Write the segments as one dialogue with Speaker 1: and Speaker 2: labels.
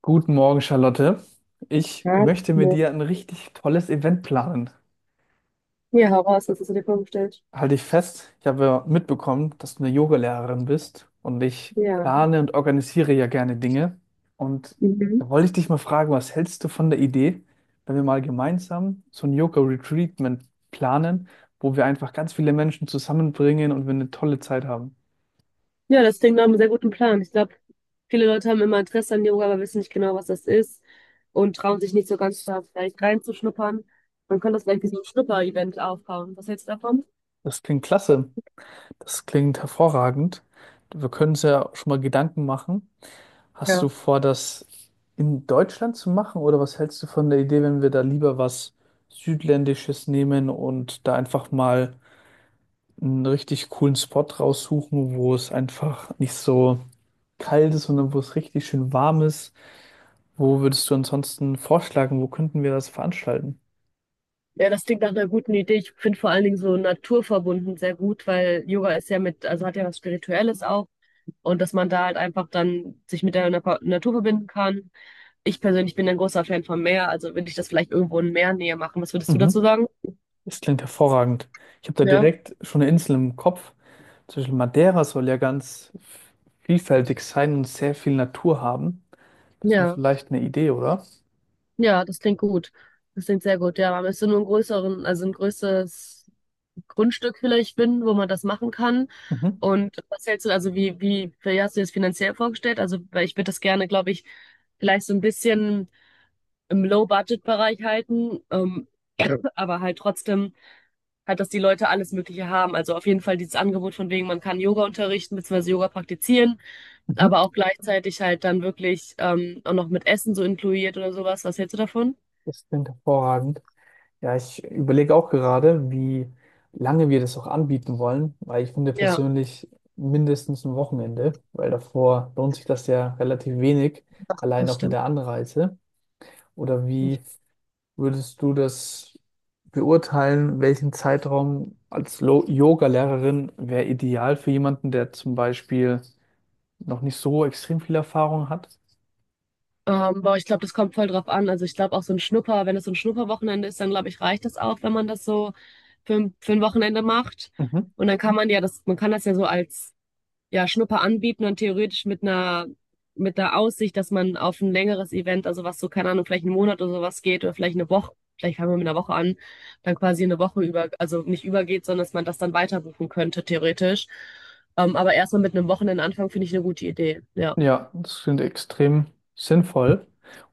Speaker 1: Guten Morgen, Charlotte. Ich
Speaker 2: Ja,
Speaker 1: möchte mit
Speaker 2: Not.
Speaker 1: dir ein richtig tolles Event planen.
Speaker 2: Ja, heraus, raus, was hast du dir vorgestellt?
Speaker 1: Halte dich fest, ich habe ja mitbekommen, dass du eine Yogalehrerin bist und ich
Speaker 2: Ja.
Speaker 1: plane und organisiere ja gerne Dinge. Und
Speaker 2: Mhm.
Speaker 1: da wollte ich dich mal fragen, was hältst du von der Idee, wenn wir mal gemeinsam so ein Yoga-Retreatment planen, wo wir einfach ganz viele Menschen zusammenbringen und wir eine tolle Zeit haben?
Speaker 2: Ja, das klingt nach einem sehr guten Plan. Ich glaube, viele Leute haben immer Interesse an Yoga, aber wissen nicht genau, was das ist und trauen sich nicht so ganz da vielleicht reinzuschnuppern. Man könnte das vielleicht wie so ein Schnupper-Event aufbauen. Was hältst du davon?
Speaker 1: Das klingt klasse. Das klingt hervorragend. Wir können uns ja schon mal Gedanken machen. Hast du
Speaker 2: Ja.
Speaker 1: vor, das in Deutschland zu machen, oder was hältst du von der Idee, wenn wir da lieber was Südländisches nehmen und da einfach mal einen richtig coolen Spot raussuchen, wo es einfach nicht so kalt ist, sondern wo es richtig schön warm ist? Wo würdest du ansonsten vorschlagen, wo könnten wir das veranstalten?
Speaker 2: Ja, das klingt nach einer guten Idee. Ich finde vor allen Dingen so naturverbunden sehr gut, weil Yoga ist ja mit, also hat ja was Spirituelles auch, und dass man da halt einfach dann sich mit der Natur verbinden kann. Ich persönlich bin ein großer Fan vom Meer, also würde ich das vielleicht irgendwo in Meernähe machen. Was würdest du dazu
Speaker 1: Mhm.
Speaker 2: sagen?
Speaker 1: Das klingt hervorragend. Ich habe da
Speaker 2: Ja,
Speaker 1: direkt schon eine Insel im Kopf. Zum Beispiel Madeira soll ja ganz vielfältig sein und sehr viel Natur haben. Das wäre
Speaker 2: ja,
Speaker 1: vielleicht eine Idee, oder?
Speaker 2: ja, das klingt gut. Das klingt sehr gut. Ja, man müsste nur einen größeren, also ein größeres Grundstück vielleicht finden, wo man das machen kann.
Speaker 1: Mhm.
Speaker 2: Und was hältst du, also wie hast du dir das finanziell vorgestellt? Also, weil ich würde das gerne, glaube ich, vielleicht so ein bisschen im Low-Budget-Bereich halten, aber halt trotzdem halt, dass die Leute alles Mögliche haben. Also auf jeden Fall dieses Angebot von wegen, man kann Yoga unterrichten, beziehungsweise Yoga praktizieren.
Speaker 1: Mhm.
Speaker 2: Aber auch gleichzeitig halt dann wirklich auch noch mit Essen so inkludiert oder sowas. Was hältst du davon?
Speaker 1: Das klingt hervorragend. Ja, ich überlege auch gerade, wie lange wir das auch anbieten wollen, weil ich finde
Speaker 2: Ja,
Speaker 1: persönlich mindestens ein Wochenende, weil davor lohnt sich das ja relativ wenig, allein
Speaker 2: das
Speaker 1: auch mit
Speaker 2: stimmt.
Speaker 1: der Anreise. Oder wie würdest du das beurteilen, welchen Zeitraum als Yoga-Lehrerin wäre ideal für jemanden, der zum Beispiel noch nicht so extrem viel Erfahrung hat?
Speaker 2: Boah, ich glaube, das kommt voll drauf an. Also ich glaube auch so ein Schnupper, wenn es so ein Schnupperwochenende ist, dann glaube ich, reicht das auch, wenn man das so für ein Wochenende macht. Und dann kann man ja das, man kann das ja so als ja, Schnupper anbieten und theoretisch mit mit der Aussicht, dass man auf ein längeres Event, also was so, keine Ahnung, vielleicht einen Monat oder sowas geht oder vielleicht eine Woche, vielleicht fangen wir mit einer Woche an, dann quasi eine Woche über, also nicht übergeht, sondern dass man das dann weiter buchen könnte, theoretisch. Aber erstmal mit einem Wochenendanfang finde ich eine gute Idee. Ja,
Speaker 1: Ja, das klingt extrem sinnvoll.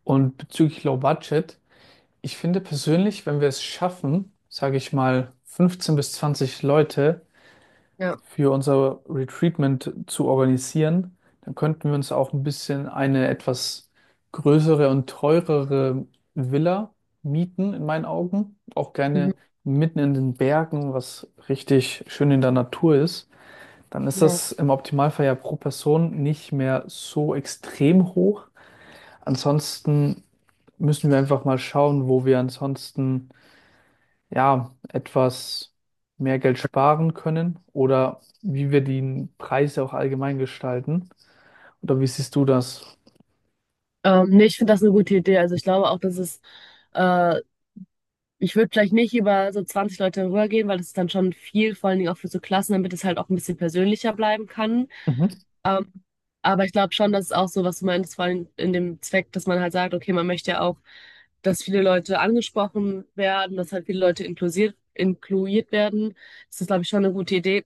Speaker 1: Und bezüglich Low Budget, ich finde persönlich, wenn wir es schaffen, sage ich mal, 15 bis 20 Leute
Speaker 2: ja.
Speaker 1: für unser Retreatment zu organisieren, dann könnten wir uns auch ein bisschen eine etwas größere und teurere Villa mieten, in meinen Augen. Auch
Speaker 2: Mhm.
Speaker 1: gerne mitten in den Bergen, was richtig schön in der Natur ist. Dann ist
Speaker 2: Ja.
Speaker 1: das im Optimalfall ja pro Person nicht mehr so extrem hoch. Ansonsten müssen wir einfach mal schauen, wo wir ansonsten ja etwas mehr Geld sparen können oder wie wir die Preise auch allgemein gestalten. Oder wie siehst du das?
Speaker 2: Nee, ich finde das eine gute Idee. Also ich glaube auch, dass es äh, ich würde vielleicht nicht über so 20 Leute rübergehen, weil das ist dann schon viel, vor allen Dingen auch für so Klassen, damit es halt auch ein bisschen persönlicher bleiben kann.
Speaker 1: Mhm.
Speaker 2: Ähm, aber ich glaube schon, dass es auch so, was du meinst, vor allem in dem Zweck, dass man halt sagt, okay, man möchte ja auch, dass viele Leute angesprochen werden, dass halt viele Leute inklusiert, inkluiert werden. Das ist, glaube ich, schon eine gute Idee,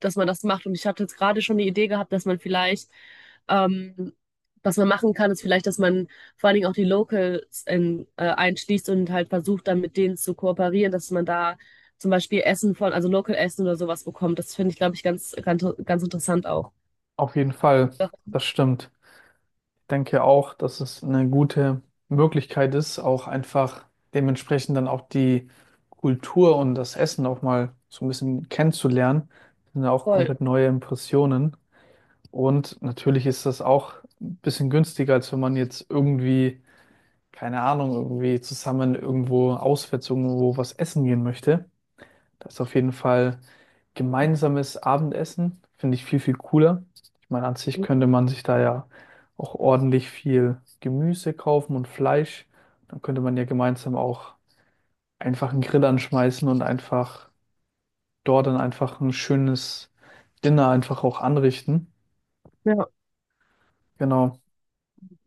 Speaker 2: dass man das macht. Und ich hatte jetzt gerade schon die Idee gehabt, dass man vielleicht, ähm, was man machen kann, ist vielleicht, dass man vor allen Dingen auch die Locals einschließt und halt versucht, dann mit denen zu kooperieren, dass man da zum Beispiel Essen von, also Local Essen oder sowas bekommt. Das finde ich, glaube ich, ganz interessant auch.
Speaker 1: Auf jeden Fall,
Speaker 2: Ja,
Speaker 1: das stimmt. Denke auch, dass es eine gute Möglichkeit ist, auch einfach dementsprechend dann auch die Kultur und das Essen auch mal so ein bisschen kennenzulernen. Das sind ja auch
Speaker 2: voll.
Speaker 1: komplett neue Impressionen. Und natürlich ist das auch ein bisschen günstiger, als wenn man jetzt irgendwie, keine Ahnung, irgendwie zusammen irgendwo auswärts irgendwo was essen gehen möchte. Das ist auf jeden Fall, gemeinsames Abendessen finde ich viel, viel cooler. Ich meine, an sich könnte man sich da ja auch ordentlich viel Gemüse kaufen und Fleisch. Dann könnte man ja gemeinsam auch einfach einen Grill anschmeißen und einfach dort dann einfach ein schönes Dinner einfach auch anrichten.
Speaker 2: Ja,
Speaker 1: Genau.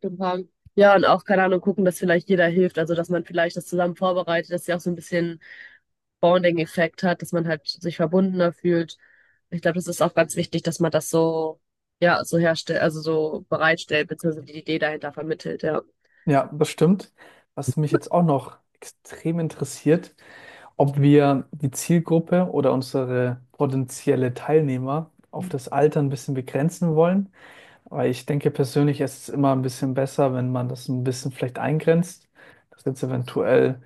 Speaker 2: total. Ja, und auch, keine Ahnung, gucken, dass vielleicht jeder hilft, also dass man vielleicht das zusammen vorbereitet, dass sie auch so ein bisschen Bonding-Effekt hat, dass man halt sich verbundener fühlt. Ich glaube, das ist auch ganz wichtig, dass man das so, ja, so herstellt, also so bereitstellt, beziehungsweise die Idee dahinter vermittelt, ja.
Speaker 1: Ja, das stimmt. Was mich jetzt auch noch extrem interessiert, ob wir die Zielgruppe oder unsere potenzielle Teilnehmer auf das Alter ein bisschen begrenzen wollen. Aber ich denke persönlich, es ist immer ein bisschen besser, wenn man das ein bisschen vielleicht eingrenzt, dass jetzt eventuell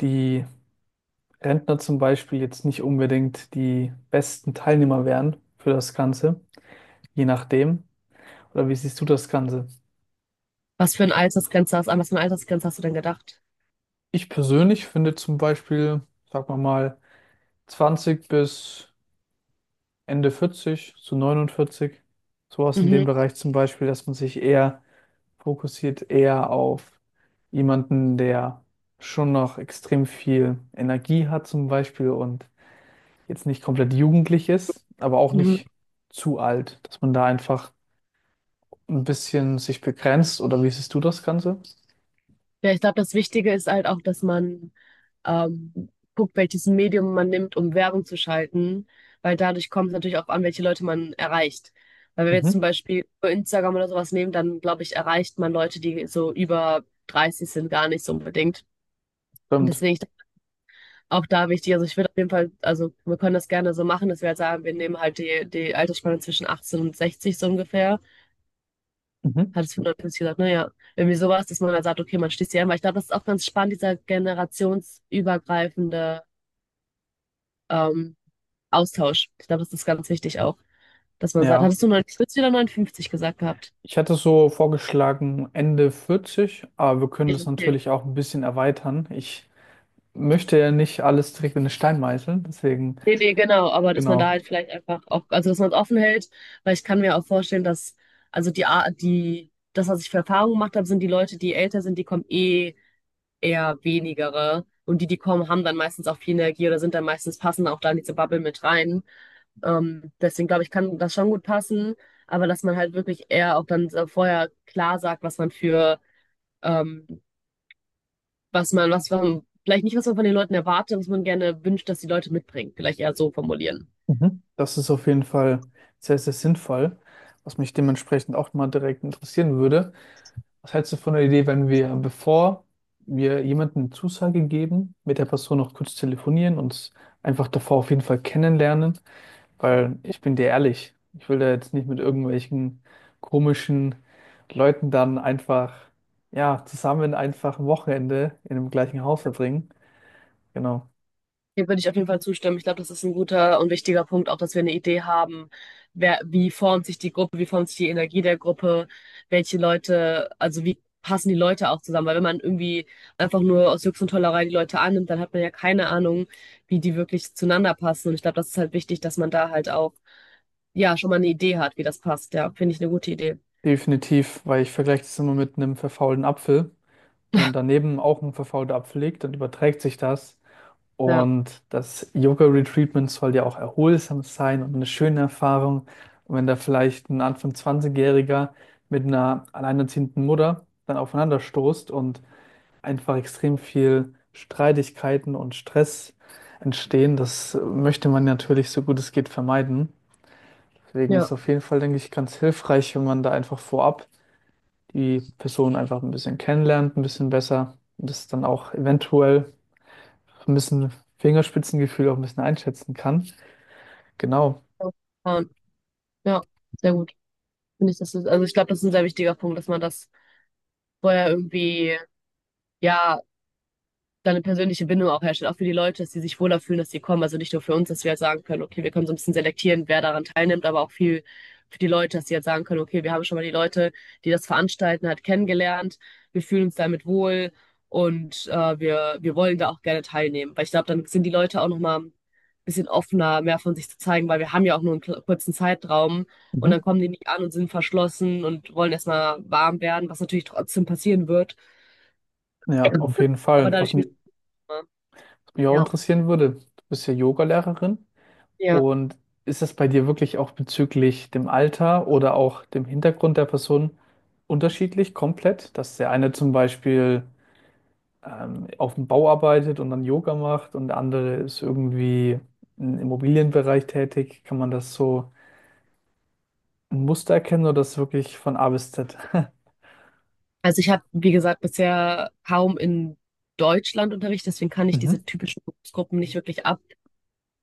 Speaker 1: die Rentner zum Beispiel jetzt nicht unbedingt die besten Teilnehmer wären für das Ganze, je nachdem. Oder wie siehst du das Ganze?
Speaker 2: Was für ein Altersgrenze hast, an was für eine Altersgrenze hast du denn gedacht?
Speaker 1: Ich persönlich finde zum Beispiel, sagen wir mal, 20 bis Ende 40 zu 49, sowas in dem
Speaker 2: Mhm,
Speaker 1: Bereich zum Beispiel, dass man sich eher fokussiert, eher auf jemanden, der schon noch extrem viel Energie hat zum Beispiel und jetzt nicht komplett jugendlich ist, aber auch
Speaker 2: mhm.
Speaker 1: nicht zu alt, dass man da einfach ein bisschen sich begrenzt, oder wie siehst du das Ganze?
Speaker 2: Ja, ich glaube, das Wichtige ist halt auch, dass man ähm, guckt, welches Medium man nimmt, um Werbung zu schalten, weil dadurch kommt es natürlich auch an, welche Leute man erreicht. Weil wenn wir jetzt zum
Speaker 1: Mhm.
Speaker 2: Beispiel nur Instagram oder sowas nehmen, dann glaube ich, erreicht man Leute, die so über 30 sind, gar nicht so unbedingt. Und
Speaker 1: Stimmt.
Speaker 2: deswegen ich, auch da wichtig, also ich würde auf jeden Fall, also wir können das gerne so machen, dass wir halt sagen, wir nehmen halt die Altersspanne zwischen 18 und 60 so ungefähr.
Speaker 1: Mhm.
Speaker 2: Hat es 55 gesagt, naja, irgendwie sowas, dass man dann sagt, okay, man schließt die ein, weil ich glaube, das ist auch ganz spannend, dieser generationsübergreifende ähm, Austausch. Ich glaube, das ist ganz wichtig auch, dass man sagt,
Speaker 1: Ja.
Speaker 2: hattest du 59 gesagt gehabt?
Speaker 1: Ich hatte so vorgeschlagen Ende 40, aber wir können das
Speaker 2: Okay.
Speaker 1: natürlich auch ein bisschen erweitern. Ich möchte ja nicht alles direkt in den Stein meißeln. Deswegen,
Speaker 2: Nee, nee, genau, aber dass man da
Speaker 1: genau.
Speaker 2: halt vielleicht einfach auch, also dass man es offen hält, weil ich kann mir auch vorstellen, dass, also die Art, das, was ich für Erfahrungen gemacht habe, sind die Leute, die älter sind, die kommen eh eher wenigere. Und die kommen, haben dann meistens auch viel Energie oder sind dann meistens passen auch da in diese Bubble mit rein. Deswegen glaube ich, kann das schon gut passen, aber dass man halt wirklich eher auch dann so vorher klar sagt, was man für ähm, was man, vielleicht nicht, was man von den Leuten erwartet, was man gerne wünscht, dass die Leute mitbringen. Vielleicht eher so formulieren.
Speaker 1: Mhm. Das ist auf jeden Fall sehr, sehr sinnvoll, was mich dementsprechend auch mal direkt interessieren würde. Was hältst du von der Idee, wenn wir, bevor wir jemandem eine Zusage geben, mit der Person noch kurz telefonieren, uns einfach davor auf jeden Fall kennenlernen? Weil ich bin dir ehrlich, ich will da jetzt nicht mit irgendwelchen komischen Leuten dann einfach, ja, zusammen einfach ein Wochenende in dem gleichen Haus verbringen. Genau.
Speaker 2: Dem würde ich auf jeden Fall zustimmen. Ich glaube, das ist ein guter und wichtiger Punkt, auch dass wir eine Idee haben, wer, wie formt sich die Gruppe, wie formt sich die Energie der Gruppe, welche Leute, also wie passen die Leute auch zusammen. Weil wenn man irgendwie einfach nur aus Jux und Tollerei die Leute annimmt, dann hat man ja keine Ahnung, wie die wirklich zueinander passen. Und ich glaube, das ist halt wichtig, dass man da halt auch, ja, schon mal eine Idee hat, wie das passt. Ja, finde ich eine gute Idee.
Speaker 1: Definitiv, weil ich vergleiche das immer mit einem verfaulten Apfel. Wenn daneben auch ein verfaulter Apfel liegt, dann überträgt sich das.
Speaker 2: Ja,
Speaker 1: Und das Yoga-Retreatment soll ja auch erholsam sein und eine schöne Erfahrung. Und wenn da vielleicht ein Anfang zwanzigjähriger jähriger mit einer alleinerziehenden Mutter dann aufeinander stoßt und einfach extrem viel Streitigkeiten und Stress entstehen, das möchte man natürlich so gut es geht vermeiden. Deswegen
Speaker 2: ja,
Speaker 1: ist auf jeden Fall, denke ich, ganz hilfreich, wenn man da einfach vorab die Person einfach ein bisschen kennenlernt, ein bisschen besser und das dann auch eventuell ein bisschen Fingerspitzengefühl auch ein bisschen einschätzen kann. Genau.
Speaker 2: ja, ja, sehr gut. Finde ich, das ist, also ich glaube, das ist ein sehr wichtiger Punkt, dass man das vorher irgendwie, ja, da eine persönliche Bindung auch herstellt, auch für die Leute, dass sie sich wohler fühlen, dass sie kommen. Also nicht nur für uns, dass wir halt sagen können, okay, wir können so ein bisschen selektieren, wer daran teilnimmt, aber auch viel für die Leute, dass sie halt sagen können, okay, wir haben schon mal die Leute, die das veranstalten, halt kennengelernt, wir fühlen uns damit wohl und wir wollen da auch gerne teilnehmen. Weil ich glaube, dann sind die Leute auch nochmal ein bisschen offener, mehr von sich zu zeigen, weil wir haben ja auch nur einen kurzen Zeitraum und dann
Speaker 1: Mhm.
Speaker 2: kommen die nicht an und sind verschlossen und wollen erstmal warm werden, was natürlich trotzdem passieren wird.
Speaker 1: Ja, auf jeden
Speaker 2: Aber
Speaker 1: Fall.
Speaker 2: dadurch,
Speaker 1: Was mich auch
Speaker 2: ja,
Speaker 1: interessieren würde, du bist ja Yogalehrerin
Speaker 2: ja.
Speaker 1: und ist das bei dir wirklich auch bezüglich dem Alter oder auch dem Hintergrund der Person unterschiedlich, komplett? Dass der eine zum Beispiel auf dem Bau arbeitet und dann Yoga macht und der andere ist irgendwie im Immobilienbereich tätig. Kann man das so ein Muster erkennen oder das wirklich von A bis Z?
Speaker 2: Also ich habe, wie gesagt, bisher kaum in Deutschland Unterricht, deswegen kann ich
Speaker 1: Mhm.
Speaker 2: diese typischen Berufsgruppen nicht wirklich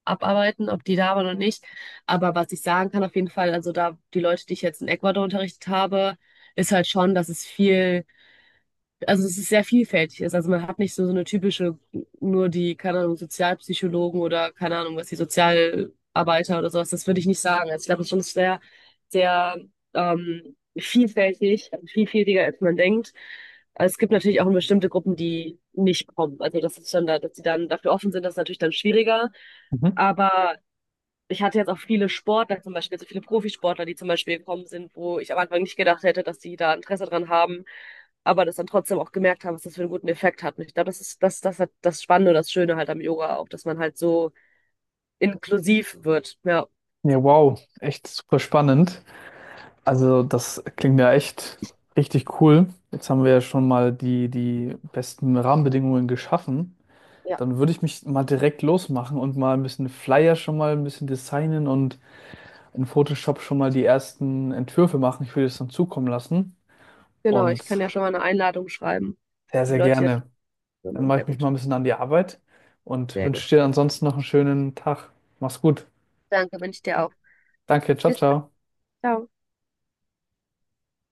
Speaker 2: abarbeiten, ob die da waren oder nicht. Aber was ich sagen kann auf jeden Fall, also da die Leute, die ich jetzt in Ecuador unterrichtet habe, ist halt schon, dass es viel, also es ist sehr vielfältig ist. Also man hat nicht so, so eine typische, nur die, keine Ahnung, Sozialpsychologen oder keine Ahnung, was die Sozialarbeiter oder sowas, das würde ich nicht sagen. Also ich glaube, es ist schon sehr, sehr vielfältig, vielfältiger als man denkt. Es gibt natürlich auch bestimmte Gruppen, die nicht kommen. Also das ist dann da, dass die dann dafür offen sind, das ist natürlich dann schwieriger.
Speaker 1: Mhm.
Speaker 2: Aber ich hatte jetzt auch viele Sportler zum Beispiel, also viele Profisportler, die zum Beispiel gekommen sind, wo ich am Anfang nicht gedacht hätte, dass die da Interesse dran haben, aber das dann trotzdem auch gemerkt haben, was das für einen guten Effekt hat. Und ich glaube, das ist das, das hat das Spannende, und das Schöne halt am Yoga auch, dass man halt so inklusiv wird. Ja,
Speaker 1: Ja, wow, echt super spannend. Also das klingt ja echt richtig cool. Jetzt haben wir ja schon mal die besten Rahmenbedingungen geschaffen.
Speaker 2: ja,
Speaker 1: Dann würde ich mich mal direkt losmachen und mal ein bisschen Flyer schon mal ein bisschen designen und in Photoshop schon mal die ersten Entwürfe machen. Ich würde es dann zukommen lassen
Speaker 2: genau. Ich kann
Speaker 1: und
Speaker 2: ja schon mal eine Einladung schreiben.
Speaker 1: sehr,
Speaker 2: Die
Speaker 1: sehr
Speaker 2: Leute, die
Speaker 1: gerne.
Speaker 2: da
Speaker 1: Dann
Speaker 2: kommen,
Speaker 1: mache
Speaker 2: sehr
Speaker 1: ich mich mal ein
Speaker 2: gut.
Speaker 1: bisschen an die Arbeit und
Speaker 2: Sehr gut.
Speaker 1: wünsche dir ansonsten noch einen schönen Tag. Mach's gut.
Speaker 2: Danke, wünsche ich dir auch.
Speaker 1: Danke, ciao,
Speaker 2: Bis,
Speaker 1: ciao.
Speaker 2: ciao.